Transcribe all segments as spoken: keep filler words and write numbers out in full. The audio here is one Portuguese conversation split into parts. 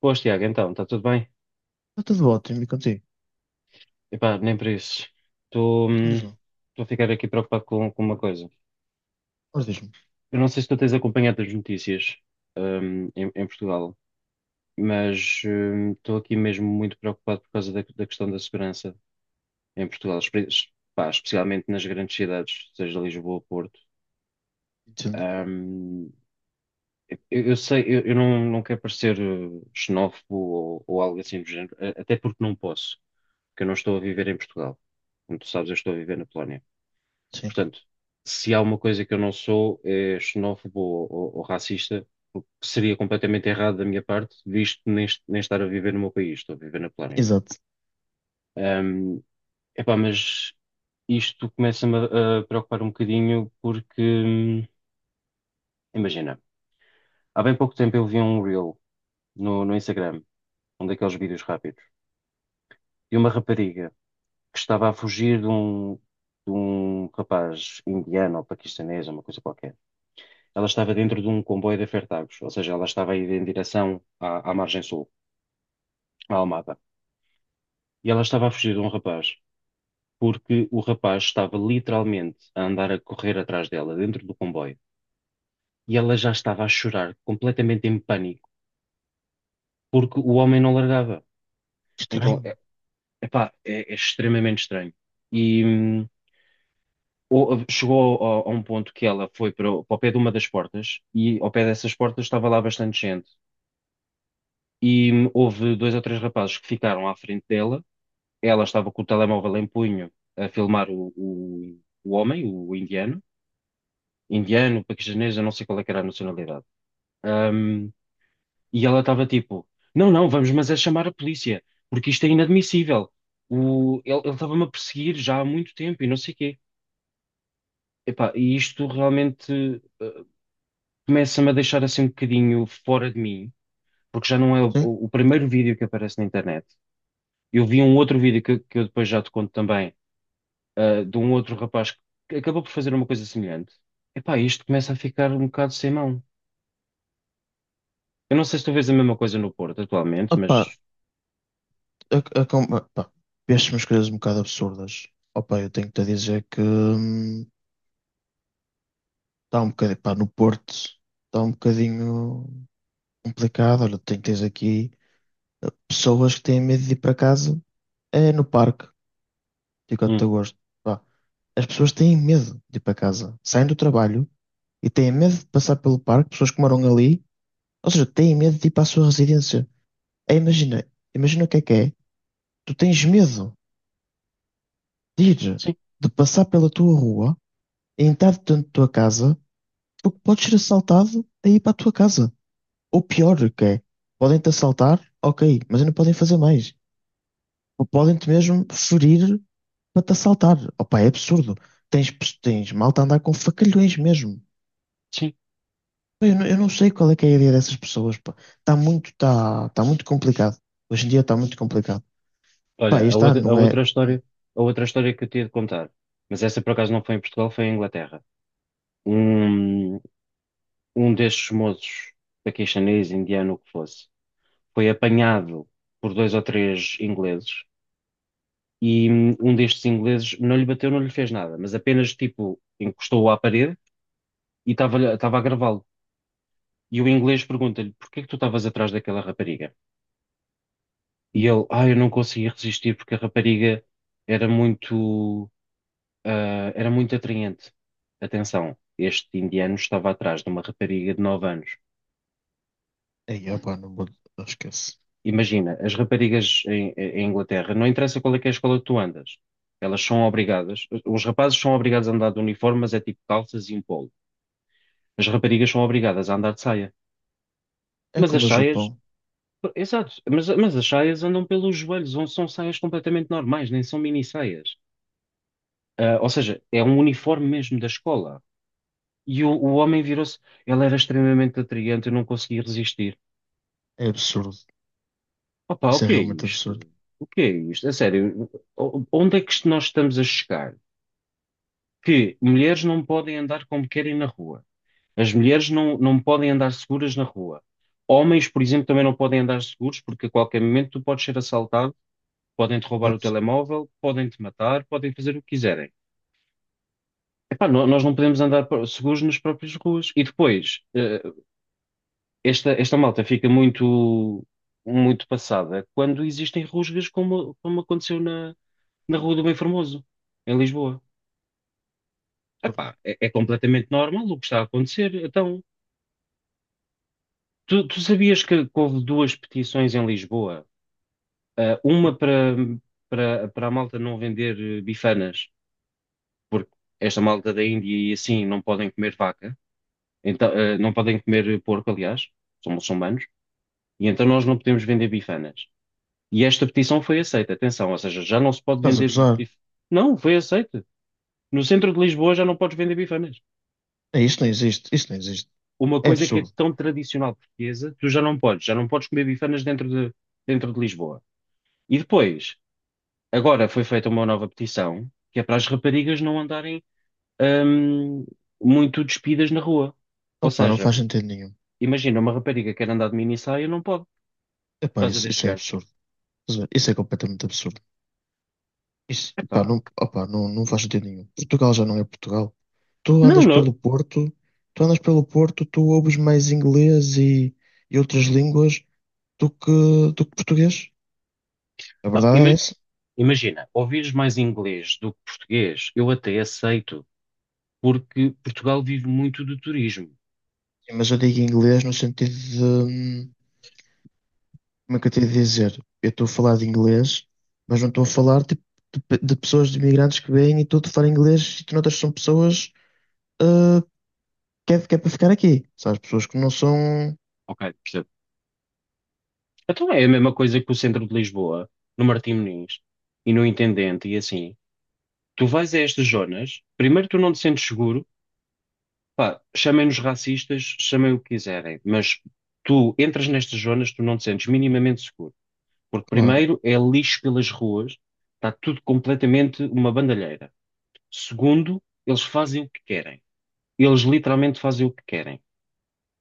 Boas, Tiago, então, está tudo bem? Está tudo ótimo, e contigo? Epá, nem por isso. Estou Então hum, diz lá. estou a ficar aqui preocupado com, com uma coisa. Ora, diz-me. Eu não sei se tu tens acompanhado as notícias hum, em, em Portugal, mas hum, estou aqui mesmo muito preocupado por causa da, da questão da segurança em Portugal, espe- es- pá, especialmente nas grandes cidades, seja Lisboa ou Porto. Entendo. Hum, eu, eu sei, eu, eu não, não quero parecer eh, xenófobo ou, ou algo assim do género, a- até porque não posso, porque eu não estou a viver em Portugal. Como tu sabes, eu estou a viver na Polónia. Sim. Portanto, se há uma coisa que eu não sou, é xenófobo ou, ou- ou racista, o que seria completamente errado da minha parte, visto nem, est- nem estar a viver no meu país, estou a viver na Polónia. Exato. Ahm, Epá, mas isto começa-me a, a preocupar um bocadinho porque, hum, imagina, há bem pouco tempo eu vi um reel no, no Instagram, um daqueles vídeos rápidos, de uma rapariga que estava a fugir de um, de um rapaz indiano ou paquistanês, uma coisa qualquer. Ela estava dentro de um comboio de afetados, ou seja, ela estava a ir em direção à, à margem sul, à Almada. E ela estava a fugir de um rapaz, porque o rapaz estava literalmente a andar a correr atrás dela, dentro do comboio. E ela já estava a chorar, completamente em pânico, porque o homem não largava. Então, Estranho. é, epá, é, é extremamente estranho. E hum, ou- Chegou a, a um ponto que ela foi para, o para o pé de uma das portas, e ao pé dessas portas estava lá bastante gente. E hum, houve dois ou três rapazes que ficaram à frente dela. Ela estava com o telemóvel em punho a filmar o, o, o homem, o indiano, indiano, paquistanês, eu não sei qual é que era a nacionalidade. Ahm, e ela estava tipo, não, não, vamos, mas é chamar a polícia, porque isto é inadmissível. O, ele ele estava-me a perseguir já há muito tempo e não sei o quê. Epá, e isto realmente, eh, começa-me a deixar assim um bocadinho fora de mim, porque já não é o, Sim. o primeiro vídeo que aparece na internet. Eu vi um outro vídeo que, que eu depois já te conto também, ah, de um outro rapaz que acabou por fazer uma coisa semelhante. Epá, isto começa a ficar um bocado sem mão. Eu não sei se tu vês a mesma coisa no Porto atualmente, Opa, mas a, a, com- opa, vieste umas coisas um bocado absurdas. Opa, eu tenho que te dizer que hum, está um bocadinho, pá, no Porto está um bocadinho complicado. Olha, tem, tens aqui pessoas que têm medo de ir para casa, é no parque, digo até hum, gosto. Pá, as pessoas têm medo de ir para casa, saem do trabalho e têm medo de passar pelo parque, pessoas que moram ali, ou seja, têm medo de ir para a sua residência. É, imagina, imagina o que é que é. Tu tens medo de ir, sim, de passar pela tua rua, e entrar dentro da tua casa, porque podes ser assaltado a ir para a tua casa. Ou pior que é, podem-te assaltar, ok, mas não podem fazer mais. Ou podem-te mesmo ferir para te assaltar. Opa, é absurdo. Tens, pes- tens malta a andar com facalhões mesmo. sim. Pá, eu não, eu não sei qual é que é a ideia dessas pessoas, pá. Está muito, está está muito complicado. Hoje em dia está muito complicado. Pá, Olha, a este outra, ano a não é. outra história, a outra história que eu tinha de contar, mas essa por acaso não foi em Portugal, foi em Inglaterra. Um, um destes moços, paquistanês, indiano, o que fosse, foi apanhado por dois ou três ingleses e hum, um destes ingleses não lhe bateu, não lhe fez nada, mas apenas tipo encostou-o à parede e estava-lhe- estava a gravá-lo. E o inglês pergunta-lhe: "Porquê que tu estavas atrás daquela rapariga?" E ele: "Ah, eu não conseguia resistir porque a rapariga era muito, ah, era muito atraente." Atenção, este indiano estava atrás de uma rapariga de nove anos. Ei, opa, não vou. Esquece. Imagina, as raparigas em, em Inglaterra, não interessa qual é que é a escola que tu andas, elas são obrigadas, os rapazes são obrigados a andar de uniforme, mas é tipo calças e um polo. As raparigas são obrigadas a andar de saia. É Mas as como o saias Japão. Exato, mas, mas as saias andam pelos joelhos, ou são saias completamente normais, nem são mini saias. Ah, ou seja, é um uniforme mesmo da escola. E o, o homem virou-se, ele era extremamente atraente, eu não conseguia resistir. É absurdo. Opa, o Isso é que é realmente isto? absurdo. O que é isto? A sério, o- onde é que isto nós estamos a chegar? Que mulheres não podem andar como querem na rua. As mulheres não, não podem andar seguras na rua. Homens, por exemplo, também não podem andar seguros porque a qualquer momento tu podes ser assaltado. Podem-te roubar o Exato. telemóvel, podem-te matar, podem fazer o que quiserem. Epá, no- nós não podemos andar pro- seguros nas próprias ruas. E depois, eh, esta, esta malta fica muito, muito passada quando existem rusgas como, como aconteceu na, na Rua do Bem Formoso, em Lisboa. Absurdo. Epá, é, é completamente normal o que está a acontecer. Então, tu, tu sabias que houve duas petições em Lisboa? Ah, uma para, para, para a malta não vender eh, bifanas, porque esta malta da Índia e assim não podem comer vaca. Então, eh, não podem comer porco, aliás, são muçulmanos, e então nós não podemos vender bifanas. E esta petição foi aceita, atenção, ou seja, já não se pode Estás a vender gozar? bifanas. Não, foi aceita. No centro de Lisboa já não podes vender bifanas. É, isto não existe. Isto não existe. Uma É coisa que é absurdo. tão tradicional portuguesa, tu já não podes, já não podes comer bifanas dentro de, dentro de Lisboa. E depois, agora foi feita uma nova petição, que é para as raparigas não andarem hum, muito despidas na rua. Ou Opa, não seja, faz sentido nenhum. imagina, uma rapariga quer andar de mini saia, não pode, por Epá, causa isso, destes isso é gajos. absurdo. Estás a ver? Isso é completamente absurdo. Isso, epá, Epá, não, opa, não, não faz sentido nenhum. Portugal já não é Portugal. Tu não, andas não, pelo Porto, tu andas pelo Porto, tu ouves mais inglês e, e outras línguas do que, do que português. A não, verdade é ima- essa. imagina, ouvires mais inglês do que português, eu até aceito, porque Portugal vive muito do turismo, Sim, mas eu digo inglês no sentido. Como é que eu te ia dizer? Eu estou a falar de inglês, mas não estou a falar tipo, de, pe- de pessoas, de imigrantes que vêm e estou a falar inglês e tu notas que são pessoas ah, que, é, que é para ficar aqui. Sabes? Pessoas que não são. ok? Percebo. Então é a mesma coisa que o centro de Lisboa, no Martim Moniz e no Intendente, e assim, tu vais a estas zonas, primeiro tu não te sentes seguro, pá, chamem-nos racistas, chamem o que quiserem, mas tu entras nestas zonas, tu não te sentes minimamente seguro, porque Claro. primeiro é lixo pelas ruas, está tudo completamente uma bandalheira. Segundo, eles fazem o que querem. Eles literalmente fazem o que querem.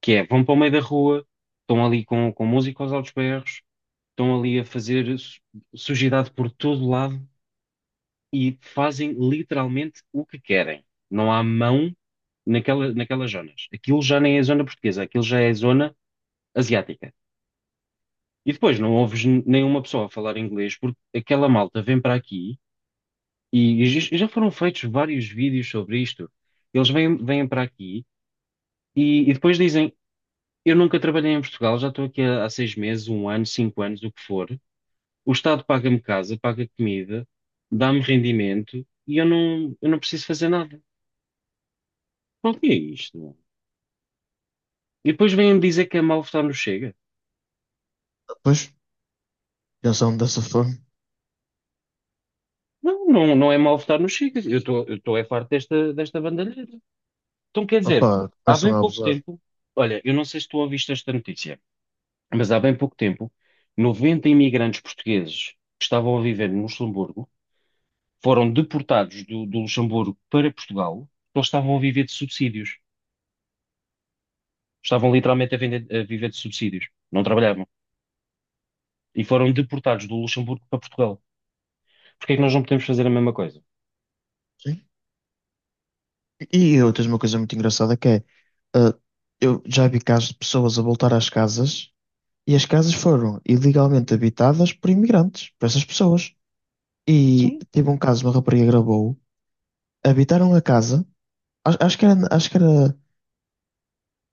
Que é, vão para o meio da rua, estão ali com, com música aos altos berros, estão ali a fazer su- sujidade por todo lado e fazem literalmente o que querem. Não há mão naquela, naquelas zonas. Aquilo já nem é zona portuguesa, aquilo já é zona asiática. E depois não ouves n- nenhuma pessoa a falar inglês porque aquela malta vem para aqui e, e já já foram feitos vários vídeos sobre isto. Eles vêm, vêm para aqui. E, e depois dizem: eu nunca trabalhei em Portugal, já estou aqui há, há seis meses, um ano, cinco anos, o que for. O Estado paga-me casa, paga comida, dá-me rendimento e eu não, eu não preciso fazer nada. Qual que é isto, meu? E depois vêm-me dizer que é mau votar no Chega. Depois pensam dessa forma. Não, não, não é mau votar no Chega. Eu estou, eu estou é farto desta, desta bandalheira. Então, quer dizer, Opa, há começam bem a pouco abusar. tempo, olha, eu não sei se tu ouviste esta notícia, mas há bem pouco tempo, noventa imigrantes portugueses que estavam a viver no Luxemburgo foram deportados do, do Luxemburgo para Portugal, porque eles estavam a viver de subsídios. Estavam literalmente a, vender- a viver de subsídios. Não trabalhavam. E foram deportados do Luxemburgo para Portugal. Porquê é que nós não podemos fazer a mesma coisa? Sim. E, e outras, uma coisa muito engraçada que é. ah, eu já vi casos de pessoas a voltar às casas e as casas foram ilegalmente habitadas por imigrantes, por essas pessoas. E Sim, teve um caso, uma rapariga gravou, habitaram a casa. Acho, acho que era, acho que era,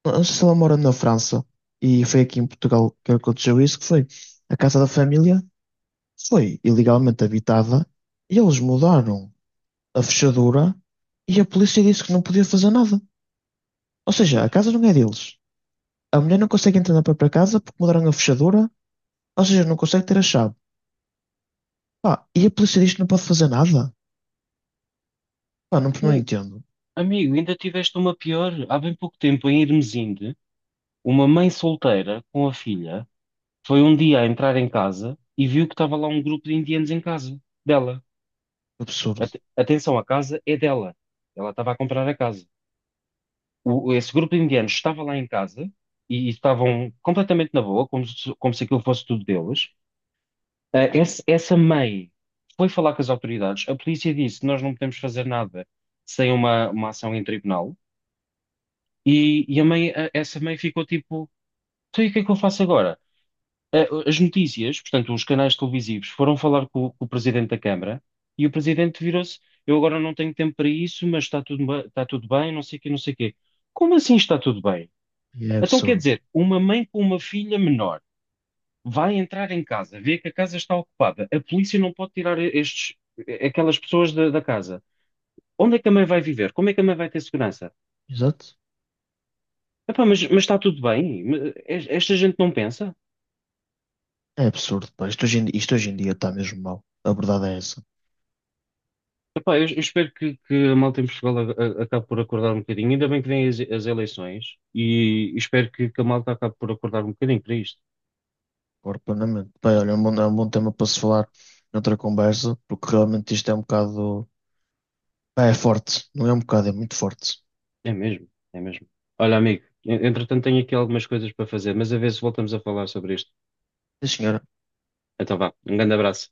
não sei se ela mora na França e foi aqui em Portugal que aconteceu isso, que foi a casa da família, foi ilegalmente habitada e eles mudaram a fechadura e a polícia disse que não podia fazer nada. Ou seja, pois, a casa não é deles. A mulher não consegue entrar na própria casa porque mudaram a fechadura, ou seja, não consegue ter a chave. Pá, e a polícia diz que não pode fazer nada? Pá, não, não amigo, entendo. amigo, ainda tiveste uma pior. Há bem pouco tempo, em Irmesinde, uma mãe solteira com a filha foi um dia a entrar em casa e viu que estava lá um grupo de indianos em casa dela. Absurdo. Ate- atenção, a casa é dela. Ela estava a comprar a casa. O- esse grupo de indianos estava lá em casa e, e estavam completamente na boa, como se, como se aquilo fosse tudo deles. Ah, esse- essa mãe foi falar com as autoridades. A polícia disse: "Nós não podemos fazer nada sem uma, uma ação em tribunal." E, e a mãe, a- essa mãe ficou tipo: "Então, e o que é que eu faço agora?" Ah, as notícias, portanto, os canais televisivos foram falar com, com o presidente da Câmara e o presidente virou-se: "Eu agora não tenho tempo para isso, mas está tudo, ba- está tudo bem, não sei o quê, não sei o quê." Como assim está tudo bem? E é Então quer absurdo. dizer, uma mãe com uma filha menor vai entrar em casa, vê que a casa está ocupada, a polícia não pode tirar estes, aquelas pessoas da, da casa. Onde é que a mãe vai viver? Como é que a mãe vai ter segurança? Exato. Epá, mas, mas está tudo bem? Mas es- esta gente não pensa? É absurdo, pá. Isto hoje em, isto hoje em dia está mesmo mal. A verdade é essa. Epá, eu, eu espero que, que a malta em Portugal a- a- acabe por acordar um bocadinho. Ainda bem que vêm as, as eleições e espero que, que a malta acabe por acordar um bocadinho para isto. Concordo plenamente. Bem, olha, é um bom, é um bom tema para se falar noutra conversa, porque realmente isto é um bocado. Pá, é forte, não é um bocado, é muito forte. É mesmo, é mesmo. Olha, amigo, en- entretanto tenho aqui algumas coisas para fazer, mas a ver se voltamos a falar sobre este. Sim, senhora. Então vá. Um grande abraço.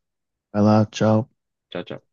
Vai lá, tchau. Tchau, tchau.